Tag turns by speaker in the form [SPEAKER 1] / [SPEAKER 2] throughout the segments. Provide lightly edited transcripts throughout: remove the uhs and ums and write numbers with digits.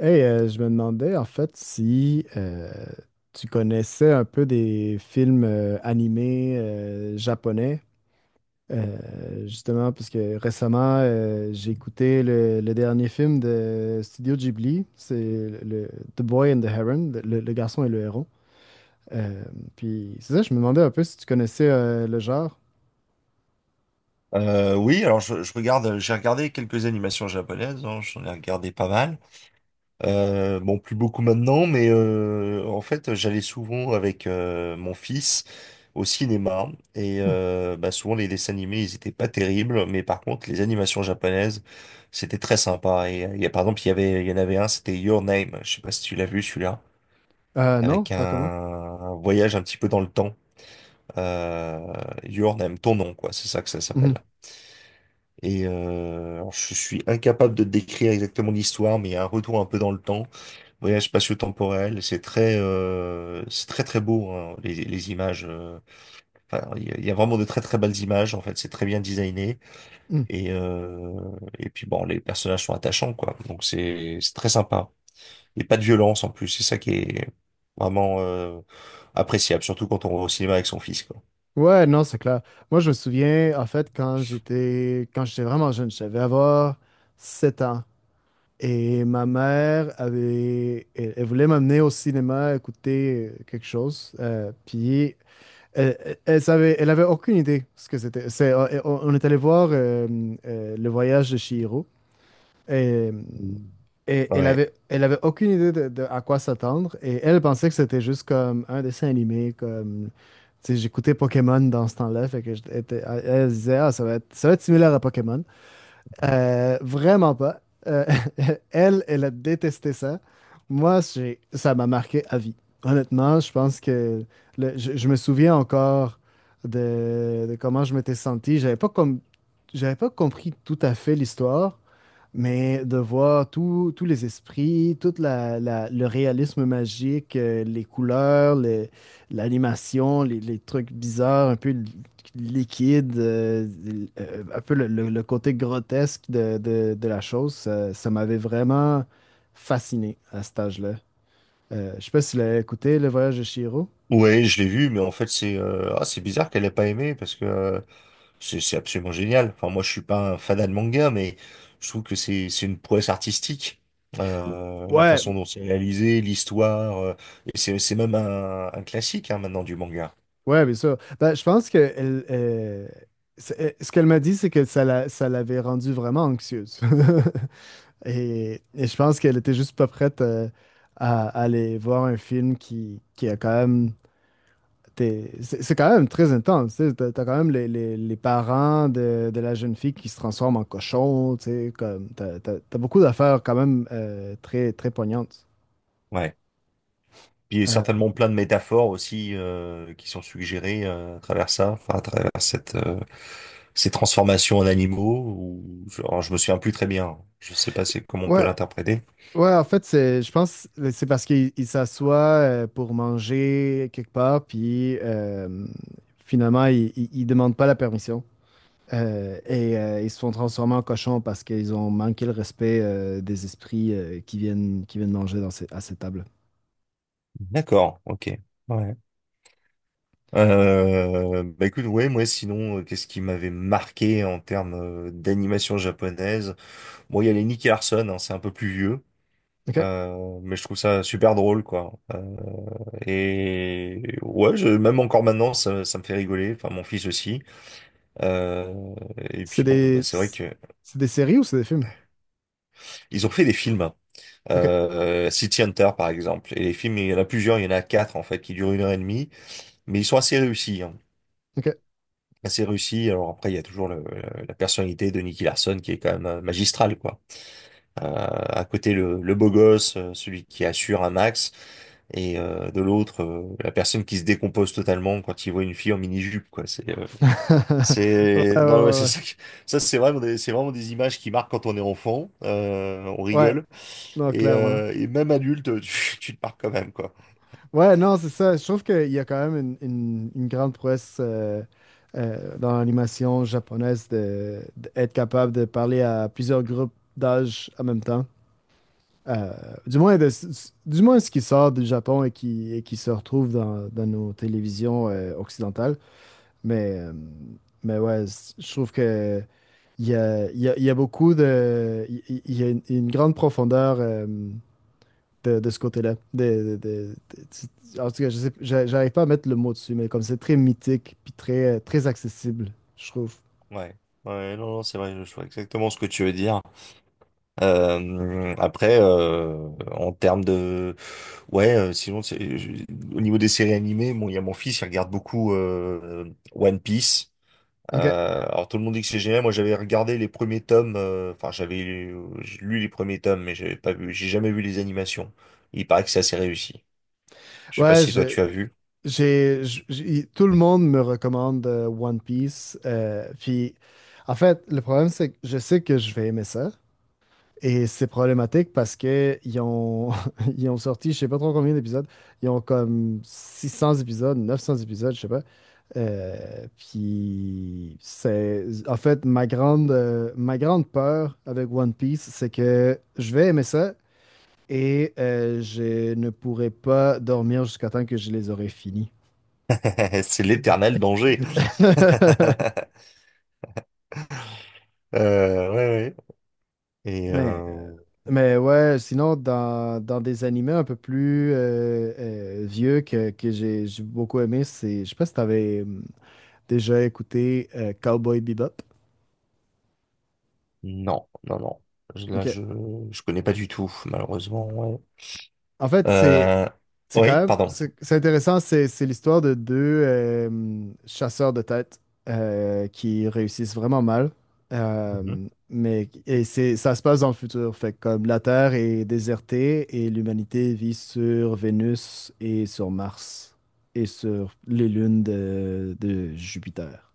[SPEAKER 1] Hey, je me demandais en fait si tu connaissais un peu des films animés japonais. Justement parce que récemment j'ai écouté le dernier film de Studio Ghibli, c'est le, le- The Boy and the Heron, le garçon et le héron. Euh, Puis c'est ça, je me demandais un peu si tu connaissais le genre.
[SPEAKER 2] Oui, alors je regarde, j'ai regardé quelques animations japonaises, hein, j'en ai regardé pas mal. Bon, plus beaucoup maintenant, mais en fait, j'allais souvent avec mon fils au cinéma et
[SPEAKER 1] Hmm.
[SPEAKER 2] bah, souvent les dessins animés, ils étaient pas terribles, mais par contre, les animations japonaises, c'était très sympa. Et par exemple, il y en avait un, c'était Your Name. Je sais pas si tu l'as vu, celui-là, avec
[SPEAKER 1] Non,
[SPEAKER 2] un,
[SPEAKER 1] raconte-moi.
[SPEAKER 2] un voyage un petit peu dans le temps. Euh, Your Name, ton nom, quoi, c'est ça que ça
[SPEAKER 1] Mhm.
[SPEAKER 2] s'appelle. Et alors, je suis incapable de décrire exactement l'histoire, mais il y a un retour un peu dans le temps, voyage spatio-temporel. C'est très très beau, hein, les images. Enfin, il y a vraiment de très très belles images, en fait. C'est très bien designé
[SPEAKER 1] Hmm.
[SPEAKER 2] et euh, et puis bon, les personnages sont attachants, quoi. Donc c'est très sympa. Et pas de violence, en plus. C'est ça qui est vraiment appréciable, surtout quand on va au cinéma avec son fils, quoi.
[SPEAKER 1] Ouais, non, c'est clair. Moi, je me souviens, en fait, quand j'étais vraiment jeune, je devais avoir 7 ans. Et ma mère elle voulait m'amener au cinéma écouter quelque chose. Puis elle savait, elle avait aucune idée ce que c'était. On est allé voir Le Voyage de Chihiro. et
[SPEAKER 2] Mm.
[SPEAKER 1] et elle
[SPEAKER 2] Ouais.
[SPEAKER 1] avait, elle avait aucune idée de à quoi s'attendre. Et elle pensait que c'était juste comme un dessin animé, comme. Tu sais, j'écoutais Pokémon dans ce temps-là, fait que elle se disait, ah, ça va être similaire à Pokémon. Vraiment pas. Euh, elle a détesté ça. Moi, ça m'a marqué à vie. Honnêtement, je pense que je me souviens encore de comment je m'étais senti. J'avais pas compris tout à fait l'histoire, mais de voir tous les esprits, tout le réalisme magique, les couleurs, l'animation, les trucs bizarres, un peu liquides, un peu le côté grotesque de la chose, ça m'avait vraiment fasciné à cet âge-là. Je sais pas si tu l'as écouté, Le Voyage de Chihiro.
[SPEAKER 2] Ouais, je l'ai vu, mais en fait c'est ah, c'est bizarre qu'elle ait pas aimé, parce que c'est absolument génial. Enfin, moi, je suis pas un fanat de manga, mais je trouve que c'est une prouesse artistique. La
[SPEAKER 1] Ouais.
[SPEAKER 2] façon dont c'est réalisé, l'histoire, et c'est même un classique, hein, maintenant, du manga.
[SPEAKER 1] Ouais, bien sûr. Ben, je pense que ce qu'elle m'a dit, c'est que ça l'avait rendue vraiment anxieuse. Et je pense qu'elle était juste pas prête aller voir un film qui a quand même. C'est quand même très intense. Tu sais, t'as quand même les parents de la jeune fille qui se transforment en cochon. Tu sais, comme, t'as beaucoup d'affaires quand même très, très poignantes.
[SPEAKER 2] Ouais. Puis il y a
[SPEAKER 1] Euh,
[SPEAKER 2] certainement plein de métaphores aussi qui sont suggérées à travers ça, enfin à travers cette ces transformations en animaux. Alors, je me souviens plus très bien. Je sais pas, c'est comment on peut
[SPEAKER 1] ouais.
[SPEAKER 2] l'interpréter.
[SPEAKER 1] Ouais, en fait, c'est, je pense que c'est parce qu'il il s'assoit pour manger quelque part, puis finalement, il demande pas la permission. Et ils se font transformer en cochons parce qu'ils ont manqué le respect des esprits qui viennent manger à ces tables.
[SPEAKER 2] D'accord, ok. Ouais. Bah écoute, ouais, moi sinon, qu'est-ce qui m'avait marqué en termes d'animation japonaise? Bon, il y a les Nicky Larson, hein, c'est un peu plus vieux,
[SPEAKER 1] OK.
[SPEAKER 2] mais je trouve ça super drôle, quoi. Et ouais, même encore maintenant, ça me fait rigoler. Enfin, mon fils aussi. Euh, et
[SPEAKER 1] C'est
[SPEAKER 2] puis bon, bah,
[SPEAKER 1] des,
[SPEAKER 2] c'est vrai que
[SPEAKER 1] c'est des séries ou c'est des films?
[SPEAKER 2] ils ont fait des films, hein.
[SPEAKER 1] OK.
[SPEAKER 2] City Hunter, par exemple. Et les films, il y en a quatre, en fait, qui durent une heure et demie, mais ils sont assez réussis, hein.
[SPEAKER 1] OK.
[SPEAKER 2] Assez réussi. Alors après, il y a toujours la personnalité de Nicky Larson qui est quand même magistrale, quoi. À côté, le beau gosse, celui qui assure un max, et de l'autre, la personne qui se décompose totalement quand il voit une fille en mini-jupe, quoi.
[SPEAKER 1] Ouais, ouais,
[SPEAKER 2] Non, mais
[SPEAKER 1] ouais,
[SPEAKER 2] c'est
[SPEAKER 1] ouais.
[SPEAKER 2] ça, ça c'est vraiment, c'est vraiment des images qui marquent quand on est enfant. On
[SPEAKER 1] Ouais,
[SPEAKER 2] rigole
[SPEAKER 1] non,
[SPEAKER 2] et,
[SPEAKER 1] clairement.
[SPEAKER 2] euh, et même adulte, tu te marques quand même, quoi.
[SPEAKER 1] Ouais, non, c'est ça. Je trouve qu'il y a quand même une grande prouesse dans l'animation japonaise d'être capable de parler à plusieurs groupes d'âge en même temps. Euh, du moins, du moins ce qui sort du Japon et qui se retrouve dans nos télévisions occidentales. Mais, euh, mais ouais, je trouve que il y a beaucoup de. Il y a une grande profondeur. De ce côté-là. En tout cas, je sais, j'arrive pas à mettre le mot dessus, mais comme c'est très mythique puis très accessible, je trouve.
[SPEAKER 2] Ouais, ouais, non, non, c'est vrai, je vois exactement ce que tu veux dire. Après, en termes de, ouais, sinon, au niveau des séries animées, bon, il y a mon fils, il regarde beaucoup One Piece.
[SPEAKER 1] Ok.
[SPEAKER 2] Alors tout le monde dit que c'est génial. Moi, j'avais regardé les premiers tomes. Enfin, j'ai lu les premiers tomes, mais j'avais pas vu. J'ai jamais vu les animations. Il paraît que c'est assez réussi. Je sais pas
[SPEAKER 1] Ouais,
[SPEAKER 2] si toi tu as vu.
[SPEAKER 1] tout le monde me recommande One Piece. Puis, en fait, le problème, c'est que je sais que je vais aimer ça. Et c'est problématique parce que ils ont sorti, je sais pas trop combien d'épisodes, ils ont comme 600 épisodes, 900 épisodes, je sais pas. Puis c'est, en fait, ma grande peur avec One Piece, c'est que je vais aimer ça et je ne pourrai pas dormir jusqu'à temps que je les aurai finis.
[SPEAKER 2] C'est l'éternel danger. Ouais, ouais. Et
[SPEAKER 1] Mais, euh, mais ouais, sinon, dans des animés un peu plus vieux que j'ai beaucoup aimé, c'est, je sais pas si t'avais déjà écouté Cowboy Bebop.
[SPEAKER 2] non, non, non. Là,
[SPEAKER 1] Ok.
[SPEAKER 2] je connais pas du tout, malheureusement. Ouais.
[SPEAKER 1] En fait,
[SPEAKER 2] Euh, oui, pardon.
[SPEAKER 1] C'est intéressant, c'est l'histoire de deux chasseurs de têtes qui réussissent vraiment mal.
[SPEAKER 2] Mhm.
[SPEAKER 1] Mais et c'est Ça se passe dans le futur, fait que comme la Terre est désertée et l'humanité vit sur Vénus et sur Mars et sur les lunes de Jupiter.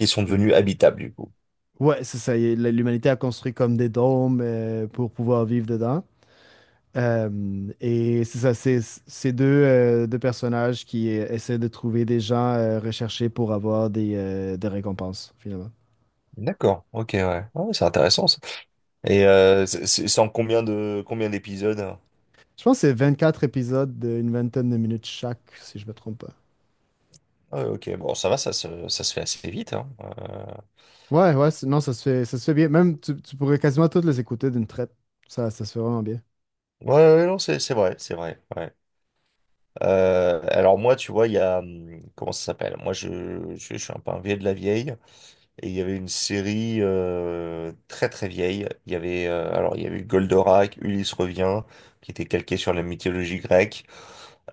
[SPEAKER 2] Ils sont devenus
[SPEAKER 1] Et-
[SPEAKER 2] habitables, du coup.
[SPEAKER 1] ouais, c'est ça. Y est, L'humanité a construit comme des dômes pour pouvoir vivre dedans. Et c'est ça, deux personnages qui essaient de trouver des gens recherchés pour avoir des récompenses, finalement.
[SPEAKER 2] D'accord. Ok, ouais. Ah ouais, c'est intéressant, ça. Et c'est en combien d'épisodes, hein?
[SPEAKER 1] Je pense que c'est quatre épisodes d'une vingtaine de minutes chaque, si je me trompe pas.
[SPEAKER 2] Ah ouais, ok. Bon, ça va, ça se fait assez vite, hein.
[SPEAKER 1] Ouais, ouais, non, ça se fait bien. Même, tu pourrais quasiment toutes les écouter d'une traite. Ça se fait vraiment bien.
[SPEAKER 2] Ouais, ouais, non, c'est vrai, c'est vrai. Ouais. Alors moi, tu vois, il y a comment ça s'appelle? Moi, je suis un peu un vieux de la vieille. Et il y avait une série très très vieille. Il y avait Alors, il y avait eu Goldorak, Ulysse revient, qui était calqué sur la mythologie grecque.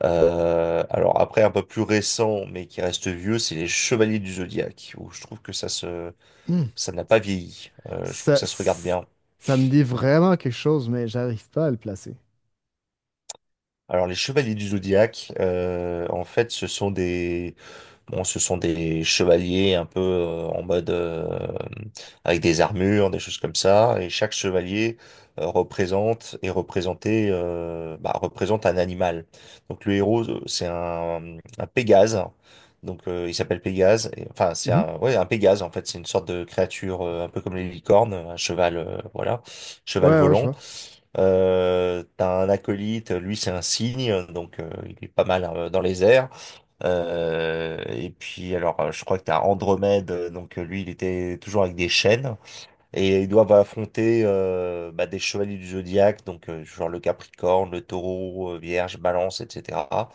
[SPEAKER 2] Alors après, un peu plus récent, mais qui reste vieux, c'est les Chevaliers du Zodiaque, où je trouve que
[SPEAKER 1] Hmm.
[SPEAKER 2] ça n'a pas vieilli. Je trouve que
[SPEAKER 1] Ça,
[SPEAKER 2] ça se regarde
[SPEAKER 1] c-
[SPEAKER 2] bien.
[SPEAKER 1] Ça me dit vraiment quelque chose, mais j'arrive pas à le placer.
[SPEAKER 2] Alors les Chevaliers du Zodiaque, en fait, ce sont des bon, ce sont des chevaliers un peu en mode, avec des armures, des choses comme ça. Et chaque chevalier représente et représenté bah, représente un animal. Donc le héros, c'est un Pégase. Donc il s'appelle Pégase. Enfin, c'est
[SPEAKER 1] Mhm.
[SPEAKER 2] un, ouais, un Pégase, en fait. C'est une sorte de créature un peu comme les licornes, un cheval, voilà, cheval
[SPEAKER 1] Ouais, ouais, je
[SPEAKER 2] volant.
[SPEAKER 1] vois.
[SPEAKER 2] T'as un acolyte, lui c'est un cygne, donc il est pas mal dans les airs. Et puis, alors, je crois que t'as Andromède, donc lui, il était toujours avec des chaînes, et ils doivent affronter bah, des chevaliers du zodiaque, donc genre le Capricorne, le Taureau, Vierge, Balance, etc.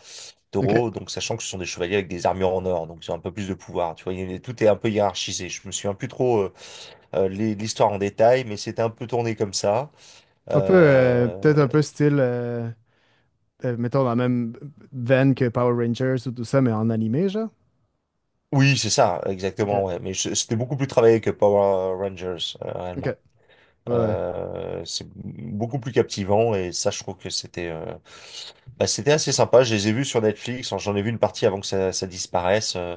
[SPEAKER 1] OK.
[SPEAKER 2] Taureau, donc sachant que ce sont des chevaliers avec des armures en or, donc ils ont un peu plus de pouvoir, tu vois, tout est un peu hiérarchisé. Je me souviens plus trop l'histoire en détail, mais c'était un peu tourné comme ça.
[SPEAKER 1] Un peu,
[SPEAKER 2] Euh,
[SPEAKER 1] peut-être un peu style. Mettons, dans la même veine que Power Rangers ou tout ça, mais en animé, genre?
[SPEAKER 2] Oui, c'est ça,
[SPEAKER 1] Ok.
[SPEAKER 2] exactement, ouais. Mais c'était beaucoup plus travaillé que Power Rangers,
[SPEAKER 1] Ok.
[SPEAKER 2] réellement.
[SPEAKER 1] Ouais, ouais.
[SPEAKER 2] C'est beaucoup plus captivant, et ça, je trouve que c'était assez sympa. Je les ai vus sur Netflix. Enfin, j'en ai vu une partie avant que ça disparaisse.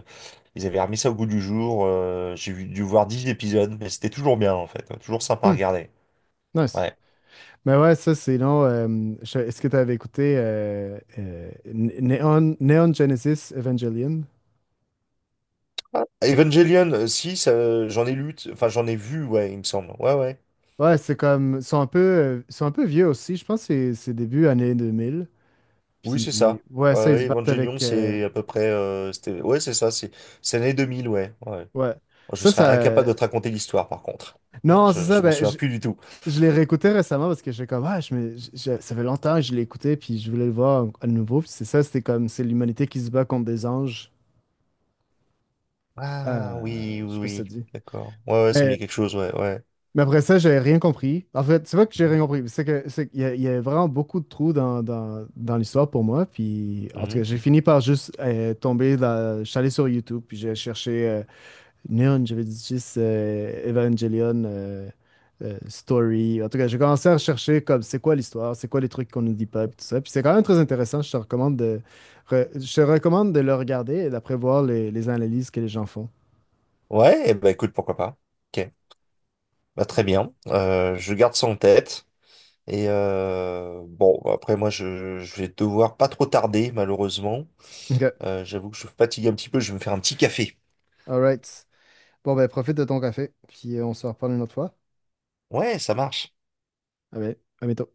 [SPEAKER 2] Ils avaient remis ça au goût du jour. J'ai dû voir 10 épisodes, mais c'était toujours bien, en fait. Toujours sympa à
[SPEAKER 1] Hmm,
[SPEAKER 2] regarder.
[SPEAKER 1] nice.
[SPEAKER 2] Ouais.
[SPEAKER 1] Mais ouais, ça, sinon, est-ce que tu avais écouté Neon Genesis Evangelion?
[SPEAKER 2] Evangelion, si, ça, j'en ai lu, t- enfin j'en ai vu, ouais, il me semble. Ouais, ouais.
[SPEAKER 1] Ouais, c'est comme, ils sont un peu vieux aussi. Je pense que c'est début années 2000.
[SPEAKER 2] Oui, c'est
[SPEAKER 1] Puis,
[SPEAKER 2] ça.
[SPEAKER 1] ouais,
[SPEAKER 2] Ouais,
[SPEAKER 1] ça, ils se
[SPEAKER 2] ouais,
[SPEAKER 1] battent
[SPEAKER 2] Evangelion,
[SPEAKER 1] avec.
[SPEAKER 2] c'est à peu près, c'était, ouais, c'est ça. C'est l'année 2000, ouais. Ouais. Moi,
[SPEAKER 1] Ouais.
[SPEAKER 2] je
[SPEAKER 1] Ça,
[SPEAKER 2] serais incapable
[SPEAKER 1] ça.
[SPEAKER 2] de te raconter l'histoire, par contre.
[SPEAKER 1] Non, c'est
[SPEAKER 2] Je,
[SPEAKER 1] ça.
[SPEAKER 2] je m'en
[SPEAKER 1] Ben,
[SPEAKER 2] souviens plus du tout.
[SPEAKER 1] je l'ai réécouté récemment parce que j'ai comme, ah, je me- je- ça fait longtemps que je l'ai écouté, puis je voulais le voir à nouveau. Puis c'est ça, c'était comme, c'est l'humanité qui se bat contre des anges. Euh,
[SPEAKER 2] Ah oui,
[SPEAKER 1] je
[SPEAKER 2] oui,
[SPEAKER 1] sais pas si ça
[SPEAKER 2] oui,
[SPEAKER 1] te dit.
[SPEAKER 2] d'accord. Ouais, ouais, ça me
[SPEAKER 1] Mais,
[SPEAKER 2] dit quelque chose, ouais, ouais.
[SPEAKER 1] mais après ça, j'ai rien compris. En fait, c'est pas que j'ai
[SPEAKER 2] Mhm.
[SPEAKER 1] rien compris, c'est qu'il y a vraiment beaucoup de trous dans l'histoire pour moi. Puis, en tout cas,
[SPEAKER 2] Mhm.
[SPEAKER 1] j'ai fini par juste je suis allé sur YouTube, puis j'ai cherché non, j'avais dit juste Evangelion Story. En tout cas, j'ai commencé à rechercher comme c'est quoi l'histoire, c'est quoi les trucs qu'on nous dit pas, puis tout ça. Puis c'est quand même très intéressant. Je te recommande de le regarder et d'après voir les analyses que les gens font.
[SPEAKER 2] Ouais, et bah écoute, pourquoi pas. Ok, bah très bien. Je garde ça en tête. Et bon, bah, après moi, je vais devoir pas trop tarder, malheureusement.
[SPEAKER 1] OK.
[SPEAKER 2] J'avoue que je suis fatigué un petit peu, je vais me faire un petit café.
[SPEAKER 1] All right. Bon, ben, profite de ton café, puis on se reparle une autre fois.
[SPEAKER 2] Ouais, ça marche.
[SPEAKER 1] Ah ben, à bientôt.